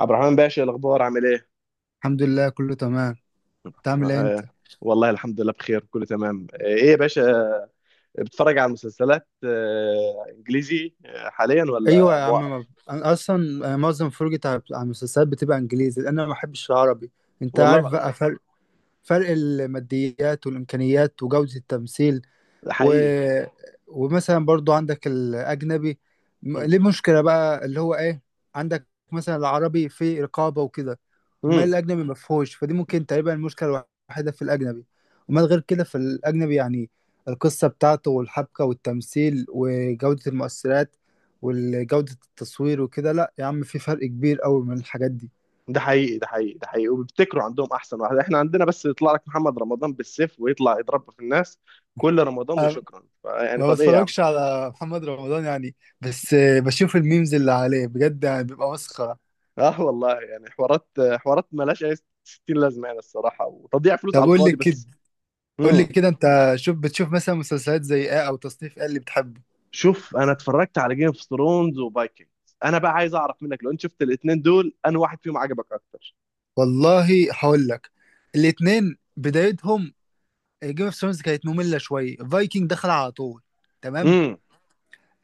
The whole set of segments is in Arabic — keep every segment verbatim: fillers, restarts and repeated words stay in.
عبد الرحمن باشا، الاخبار عامل ايه؟ الحمد لله، كله تمام. انت عامل ايه انت؟ آه والله الحمد لله بخير، كله تمام. آه ايه يا باشا، بتتفرج على مسلسلات آه انجليزي آه، حاليا ايوه ولا يا عم، موقف؟ ما- انا اصلا آه، معظم فرجتي على على المسلسلات بتبقى انجليزي لان انا ما بحبش العربي. انت والله عارف لا. بقى فرق فرق الماديات والامكانيات وجوده التمثيل. ده و... حقيقي. ومثلا برضو عندك الاجنبي. م- مم. ليه مشكله بقى اللي هو ايه؟ عندك مثلا العربي فيه رقابه وكده. امال مم. الاجنبي ما فيهوش، فدي ممكن تقريبا المشكله الوحيده في الاجنبي. امال غير كده في الاجنبي يعني القصه بتاعته والحبكه والتمثيل وجوده المؤثرات وجوده التصوير وكده. لا يا عم، في فرق كبير قوي من الحاجات دي. ده حقيقي، ده حقيقي، ده حقيقي، وبيبتكروا عندهم احسن واحد. احنا عندنا بس يطلع لك محمد رمضان بالسيف ويطلع يضرب في الناس كل رمضان أنا وشكرا. ف- يعني ما طب ايه يا عم؟ بتفرجش على محمد رمضان يعني، بس بشوف الميمز اللي عليه بجد يعني بيبقى مسخره. اه والله يعني حوارات، حوارات ملهاش اي ستين لازمه يعني، الصراحه وتضييع فلوس طب على قول لي الفاضي كده بس. قول لي مم. كده انت، شوف بتشوف مثلا مسلسلات زي ايه او تصنيف ايه اللي بتحبه؟ شوف، انا اتفرجت على جيم اوف ثرونز وفايكنجز. انا بقى عايز اعرف منك، لو انت شفت الاثنين دول، انا واحد فيهم عجبك اكتر؟ والله هقول لك، الاتنين بدايتهم، جيم اوف ثرونز كانت ممله شويه، فايكنج دخل على طول. تمام. امم.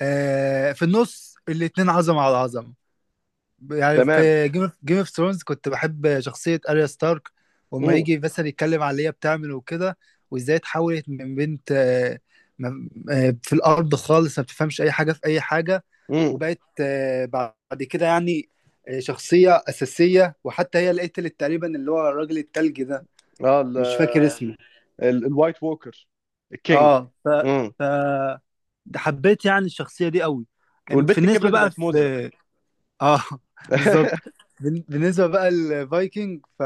آه في النص الاتنين عظمه على عظمه. يعني تمام. في جيم اوف جيم اوف ثرونز كنت بحب شخصيه اريا ستارك، وما امم. يجي مثلا يتكلم على اللي هي بتعمل وكده. وازاي اتحولت من بنت، آه ما- آه، في الارض خالص ما بتفهمش اي حاجه في اي حاجه. امم. وبقت آه بعد كده يعني آه، شخصيه اساسيه، وحتى هي اللي قتلت تقريبا اللي هو الراجل التلجي ده، اه ال- مش فاكر اسمه. ال- الوايت ووكر، الكينج. اه، ف امم. ف ده حبيت يعني الشخصيه دي قوي. أم- في والبت النسبه كبرت بقى وبقت موزه. في. اه، بالظبط. بال- بالنسبه بقى الفايكنج ف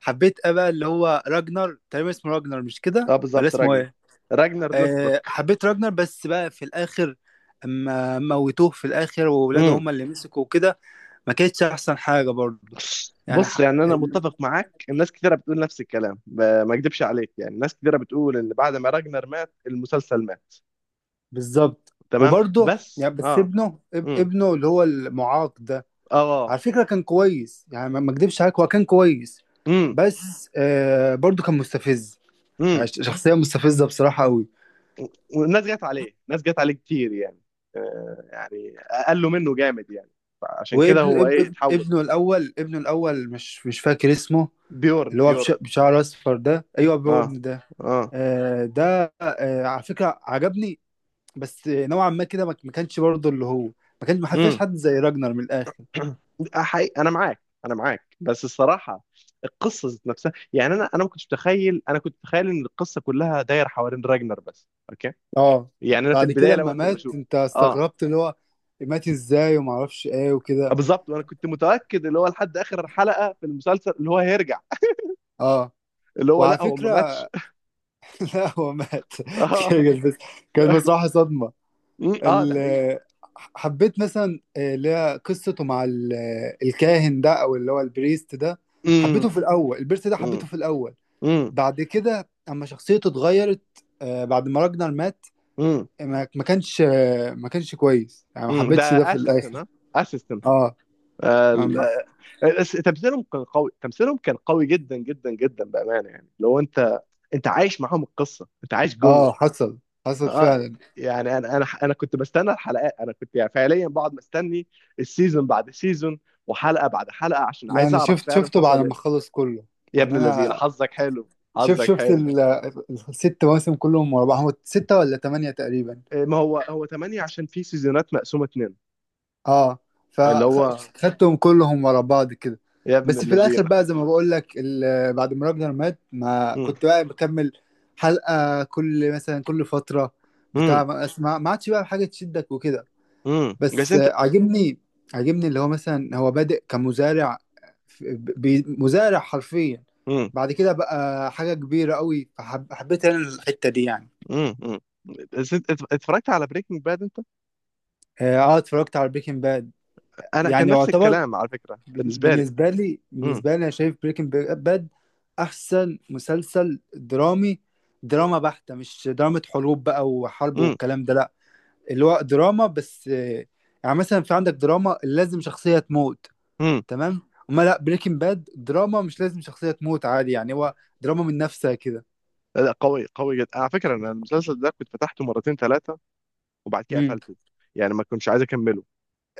حبيت إيه بقى، اللي هو راجنر تقريبا اسمه، راجنر مش كده اه ولا بالظبط، اسمه راجنر. ايه؟ راجنر آه لوثبروك. حبيت راجنر. بس بقى في الاخر اما موتوه في الاخر وولاده امم. هم اللي مسكوا وكده، ما كانتش احسن حاجه برضه، يعني بص، ح... يعني انا متفق معاك، الناس كتيره بتقول نفس الكلام. ب- ما اكدبش عليك، يعني ناس كتيره بتقول ان بعد ما راجنر مات المسلسل مات. بالظبط. تمام، وبرضه بس يعني بس اه. ابنه، اب- امم. ابنه اللي هو المعاق ده، اه. على فكرة كان كويس، يعني ما ما اكدبش عليك هو كان كويس. امم. بس آه برضو كان مستفز، يعني امم. ش- شخصية مستفزة بصراحة قوي. والناس جت عليه، ناس جت عليه كتير يعني، آه، يعني اقلوا منه جامد يعني، عشان كده وابن هو اب ايه اب اتحول. ابنه الأول ابنه الأول مش مش فاكر اسمه، بيورن اللي هو بش- بيورن بشعر أصفر ده. أيوه اه. بيورن ده. اه. آه ده آه على فكرة عجبني، بس نوعا ما كده ما ما كانش برضو اللي هو ما كانش، ما حرفش امم. حد زي راجنر من الآخر. حقيقي انا معاك، انا معاك، بس الصراحه القصه ذات نفسها يعني. انا انا ما كنتش متخيل، انا كنت متخيل ان القصه كلها دايره حوالين راجنر بس، اوكي. اه، يعني انا في بعد كده البدايه اما لما كنت مات بشوف. انت اه استغربت اللي هو مات ازاي وما اعرفش ايه وكده. بالظبط، وانا كنت متاكد اللي هو لحد اخر حلقه في المسلسل اللي هو هيرجع، اه، اللي هو وعلى لا هو ما فكرة ماتش. لا هو مات. اه. كانت بس كانت بصراحة صدمة. مم، اه ده حقيقي. ال- حبيت مثلا آه، اللي هي قصته مع ال- آه، الكاهن ده او اللي هو البريست ده. امم. حبيته في الاول، البريست ده امم. حبيته في الاول. امم. بعد كده اما شخصيته اتغيرت، آه، بعد ما راجنر مات، امم. ما ما كانش آه، ما كانش كويس يعني ما امم. ده حبيتش ده في اسيستن الاخر. ها، اسيستن. اه، آه، ما ال- ما آه، الس- تمثيلهم كان قوي، تمثيلهم كان قوي جدا جدا جدا بامانه يعني. لو انت، انت عايش معاهم القصه، انت عايش جوه. اه حصل حصل اه. فعلا. يعني انا انا انا كنت بستنى الحلقات، انا كنت يعني فعليا بقعد مستني السيزون بعد سيزون، وحلقه بعد حلقه، عشان لا عايز انا اعرف شفت فعلا شفته بعد حصل ما ايه. خلص كله. يا ابن يعني الذين انا حظك حلو، شوف حظك شفت حلو. ال- الست مواسم كلهم ورا بعض، هو ستة ولا تمانية تقريبا. إيه، ما هو هو ثمانية، عشان في سيزونات مقسومه اتنين. اه، اللي هو فخدتهم كلهم ورا بعض كده. يا ابن بس في الذين. الاخر بقى زي ما بقول لك، ال- بعد ما راجنر مات ما كنت بقى بكمل حلقة كل، مثلا، كل فترة، امم. بتاع ما اسمع ما عادش بقى حاجة تشدك وكده. امم. بس بس انت. آه، عاجبني عاجبني اللي هو مثلا هو بادئ كمزارع، في- بي- مزارع حرفيا. امم. بعد كده بقى حاجة كبيرة قوي، فحب- حبيت انا الحتة دي يعني. امم. امم. بس انت ات- اتفرجت على بريكنج باد انت؟ اه، آه، اتفرجت على بريكنج باد. انا كان يعني نفس يعتبر، الكلام على فكره بن- بالنسبه لي. بالنسبه لي امم. بالنسبه لي انا شايف بريكنج باد احسن مسلسل درامي. دراما بحتة، مش دراما حروب بقى وحرب امم. والكلام ده، لا. اللي هو دراما بس آه، يعني مثلا في عندك دراما لازم شخصية تموت. امم. تمام. اما لا، بريكنج باد دراما مش لازم شخصية تموت عادي، يعني هو دراما من نفسها كده. لا قوي، قوي جدا على فكره. انا المسلسل ده كنت فتحته مرتين ثلاثه، وبعد كده امم قفلته، يعني ما كنتش عايز اكمله.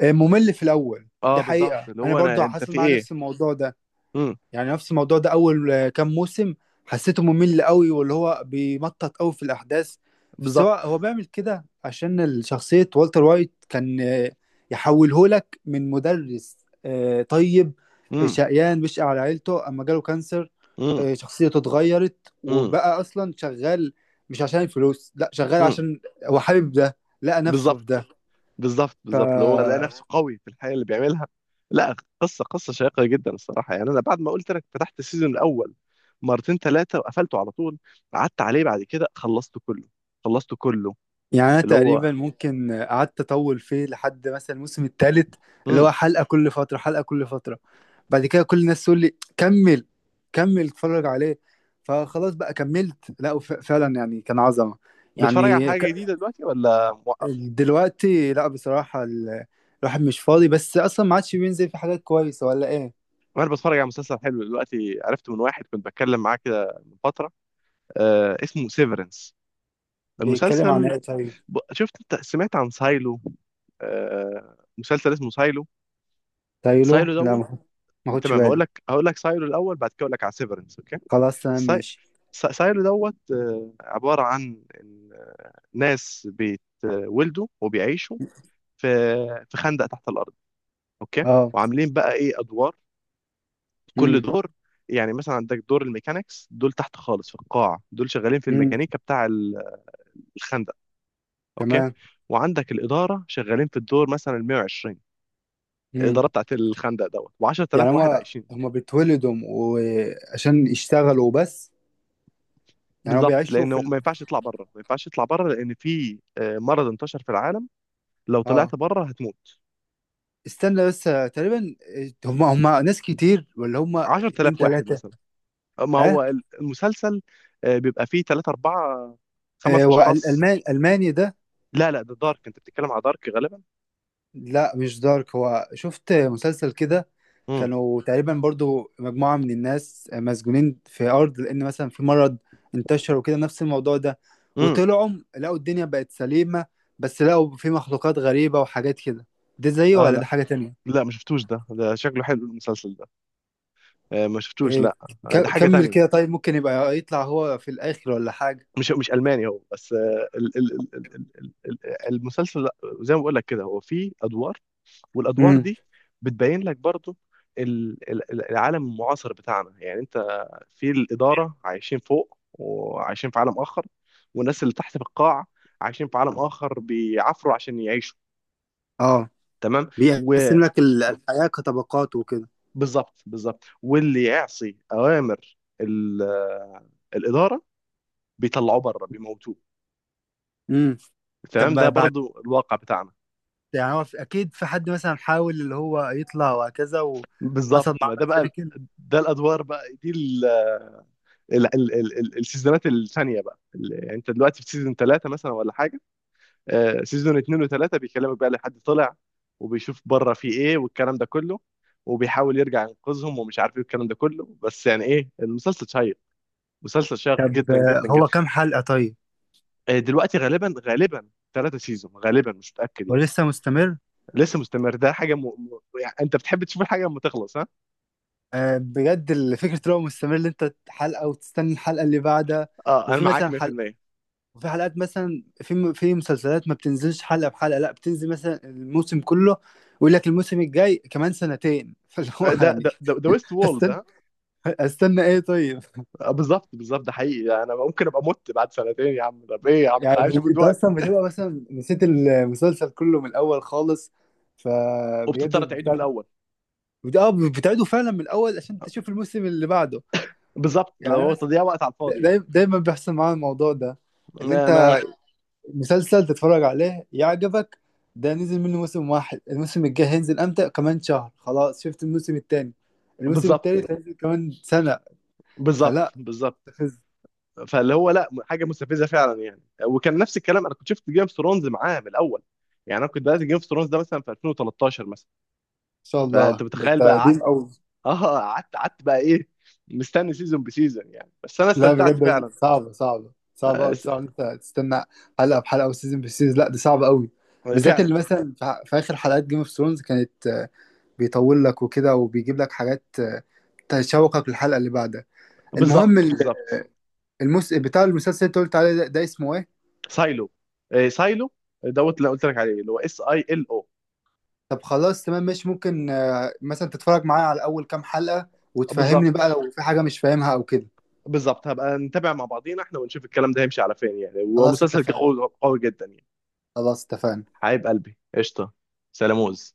ممل في الاول، اه دي بالظبط، حقيقة اللي انا هو برضو انا انت حصل في معايا ايه. نفس الموضوع ده. امم. يعني نفس الموضوع ده، اول آه، كام موسم حسيته ممل قوي، واللي هو بيمطط قوي في الاحداث. بس هو بالظبط. هو بيعمل كده عشان شخصية والتر وايت كان آه، يحوله لك من مدرس آه، طيب آه، امم. شقيان بيشقى على عيلته، اما جاله كانسر. امم. آه، شخصيته اتغيرت امم. وبقى اصلا شغال، مش عشان الفلوس، لا، شغال امم. عشان هو حابب ده، لقى نفسه في بالظبط، بالظبط، بالظبط، اللي هو لقى نفسه ده. قوي في الحاجه اللي بيعملها. لا قصه، قصه شيقه جدا الصراحه يعني. انا بعد ما قلت لك فتحت السيزون الاول مرتين ثلاثه وقفلته على طول. قعدت عليه بعد كده، خلصته كله، خلصته كله. يعني أنا اللي هو. تقريبا ممكن قعدت أطول فيه لحد مثلا الموسم الثالث، اللي امم. هو حلقة كل فترة، حلقة كل فترة. بعد كده كل الناس تقول لي كمل كمل اتفرج عليه. فخلاص بقى كملت. لا وف- فعلا يعني كان عظمة. بتفرج على يعني حاجه ك- جديده دلوقتي ولا موقف؟ دلوقتي لا بصراحة، ال- الواحد مش فاضي، بس أصلا ما عادش بينزل في حاجات كويسة ولا إيه. انا بتفرج على مسلسل حلو دلوقتي، عرفت من واحد كنت بتكلم معاه كده من فتره. آه اسمه سيفرنس. بيتكلم عن المسلسل. إيه طيب؟ ب- شفت انت، سمعت عن سايلو؟ آه مسلسل اسمه سايلو، تايلو، سايلو لا، دوت. ما ما خدش تمام هقول بالي. لك، هقول لك سايلو الاول بعد كده اقول لك على سيفرنس، اوكي. خلاص تمام ساي... ماشي. سا- سايلو دوت، آه، عباره عن إن، آه، ناس بيتولدوا وبيعيشوا في في خندق تحت الارض، اوكي. اه. وعاملين بقى ايه ادوار، كل امم. دور. يعني مثلا عندك دور الميكانيكس دول تحت خالص في القاع، دول شغالين في امم. الميكانيكا بتاع ال- الخندق، اوكي. تمام. وعندك الاداره شغالين في الدور مثلا مائة وعشرين، امم. الاداره بتاعت الخندق دوت، و10000 يعني واحد هما عايشين. هما بيتولدوا وعشان يشتغلوا بس؟ يعني هما بالظبط، بيعيشوا في لانه ال... ما ينفعش يطلع بره، ما ينفعش يطلع بره، لان في آه، مرض انتشر في العالم. لو طلعت اه. بره هتموت. استنى بس، تقريبا هما هما ناس كتير ولا هما عشر آلاف اتنين واحد تلاتة؟ مثلا. ما اه، هو ال- المسلسل آه، بيبقى فيه ثلاثة أربعة آه خمس اشخاص. والألمان، ألماني ده؟ لا لا، ده دارك، انت بتتكلم على دارك غالبا. لا مش دارك، هو شفت مسلسل كده، امم. كانوا تقريبا برضو مجموعة من الناس مسجونين في أرض لأن مثلا في مرض انتشر وكده، نفس الموضوع ده، امم. وطلعوا لقوا الدنيا بقت سليمة، بس لقوا في مخلوقات غريبة وحاجات كده. ده زيه اه ولا لا، ده حاجة تانية؟ لا ما شفتوش ده، ده شكله حلو المسلسل ده. آه، ما شفتوش إيه، لا. آه، ده ك- حاجة كمل تانية. كده طيب. ممكن يبقى يطلع هو في الآخر ولا حاجة؟ مش مش ألماني هو، بس آه، ال- ال- ال- ال- ال- ال- المسلسل لا، زي ما بقول لك كده، هو فيه ادوار، والادوار امم، دي بتبين لك برضو ال- ال- العالم المعاصر بتاعنا يعني. انت في الاداره عايشين فوق وعايشين في عالم اخر، والناس اللي تحت في القاع عايشين في عالم اخر بيعافروا عشان يعيشوا، اه. تمام. بيقسم لك ال- الحياة كطبقات وكده. وبالظبط، بالظبط، واللي يعصي اوامر ال- الاداره بيطلعوه بره بيموتوه، امم طب تمام. ده ما بعد، برضو الواقع بتاعنا. يعني هو في- أكيد في حد مثلا حاول اللي هو يطلع وهكذا وحصل بالظبط، معاه ما ده بقى، مشاكل. ده الادوار بقى دي. ال- ال- ال- ال- السيزونات الثانيه بقى، ال- يعني انت دلوقتي في سيزون ثلاثه مثلا ولا حاجه. آه، سيزون اثنين وثلاثه بيكلمك بقى لحد طلع، وبيشوف بره في ايه والكلام ده كله، وبيحاول يرجع ينقذهم ومش عارف ايه والكلام ده كله، بس يعني ايه المسلسل شيق، مسلسل شيق طب، جدا آه، جدا جدا. هو كام حلقة طيب؟ آه، دلوقتي غالبا، غالبا ثلاثة سيزون غالبا، مش متأكد هو يعني. لسه مستمر؟ لسه مستمر، ده حاجة م... م... يعني انت بتحب تشوف الحاجة لما تخلص، ها؟ آه بجد ال- فكرة اللي هو مستمر، اللي أنت حلقة وتستنى الحلقة اللي بعدها، اه انا وفي معاك مثلا حلقة مائة بالمائة. وفي حلقات مثلا في في مسلسلات ما بتنزلش حلقة بحلقة، لا، بتنزل مثلا الموسم كله، ويقول لك الموسم الجاي كمان سنتين. فاللي هو ده يعني، ده ده, ده ويست وول ده. استنى استنى ايه طيب؟ آه، بالظبط، بالظبط، ده حقيقي يعني. انا ممكن ابقى مت بعد سنتين يا عم، طب ايه يا عم يعني انا عايشه انت دلوقتي. اصلا بتبقى مثلا نسيت المسلسل كله من الاول خالص، فبجد وبتضطر تعيده من بتعيد. الاول، اه، بتعيده فعلا من الاول عشان تشوف الموسم اللي بعده. بالظبط. لو يعني أنا هو تضييع وقت على بس- الفاضي يعني. دايما دايما بيحصل معايا الموضوع ده، اللي ما انت ما أنا... مسلسل تتفرج عليه يعجبك، ده نزل منه موسم واحد، الموسم الجاي هينزل امتى، كمان شهر، خلاص شفت الموسم التاني، الموسم بالظبط، التالت هينزل كمان سنة. بالظبط، فلا. بالظبط. تخز ان فاللي هو لا، حاجه مستفزه فعلا يعني. وكان نفس الكلام، انا كنت شفت جيم اوف ثرونز معاه من الاول، يعني انا كنت بدات جيم اوف ثرونز ده مثلا في الفين وتلتاشر مثلا. شاء فانت الله، ده متخيل انت بقى قعدت. قديم قوي. اه قعدت، قعدت بقى ايه، مستني سيزون بسيزون يعني، بس انا لا استمتعت بجد، فعلا. صعبة صعبة صعبة آه، قوي، س- صعب انت تستنى حلقة بحلقة وسيزون بسيزون، لا ده صعب قوي، بالذات فعلا. اللي مثلا في في اخر حلقات جيم اوف ثرونز كانت آه، بيطول لك وكده وبيجيب لك حاجات آه، تشوقك للحلقة اللي بعدها. بالظبط، المهم ال- بالظبط. المس... بتاع المسلسل اللي انت قلت عليه ده, ده اسمه ايه؟ سايلو، إيه، سايلو دوت، اللي قلت لك عليه، اللي هو اس اي ال او. طب خلاص تمام ماشي. ممكن آه، مثلا تتفرج معايا على اول كام حلقة، وتفهمني بقى بالظبط، لو في حاجة مش فاهمها او كده. بالظبط، هبقى نتابع مع بعضينا احنا ونشوف الكلام ده هيمشي على فين يعني، خلاص ومسلسل اتفقنا. قوي، قوي جدا يعني. خلاص اتفقنا. حبيب قلبي قشطه، سلاموز.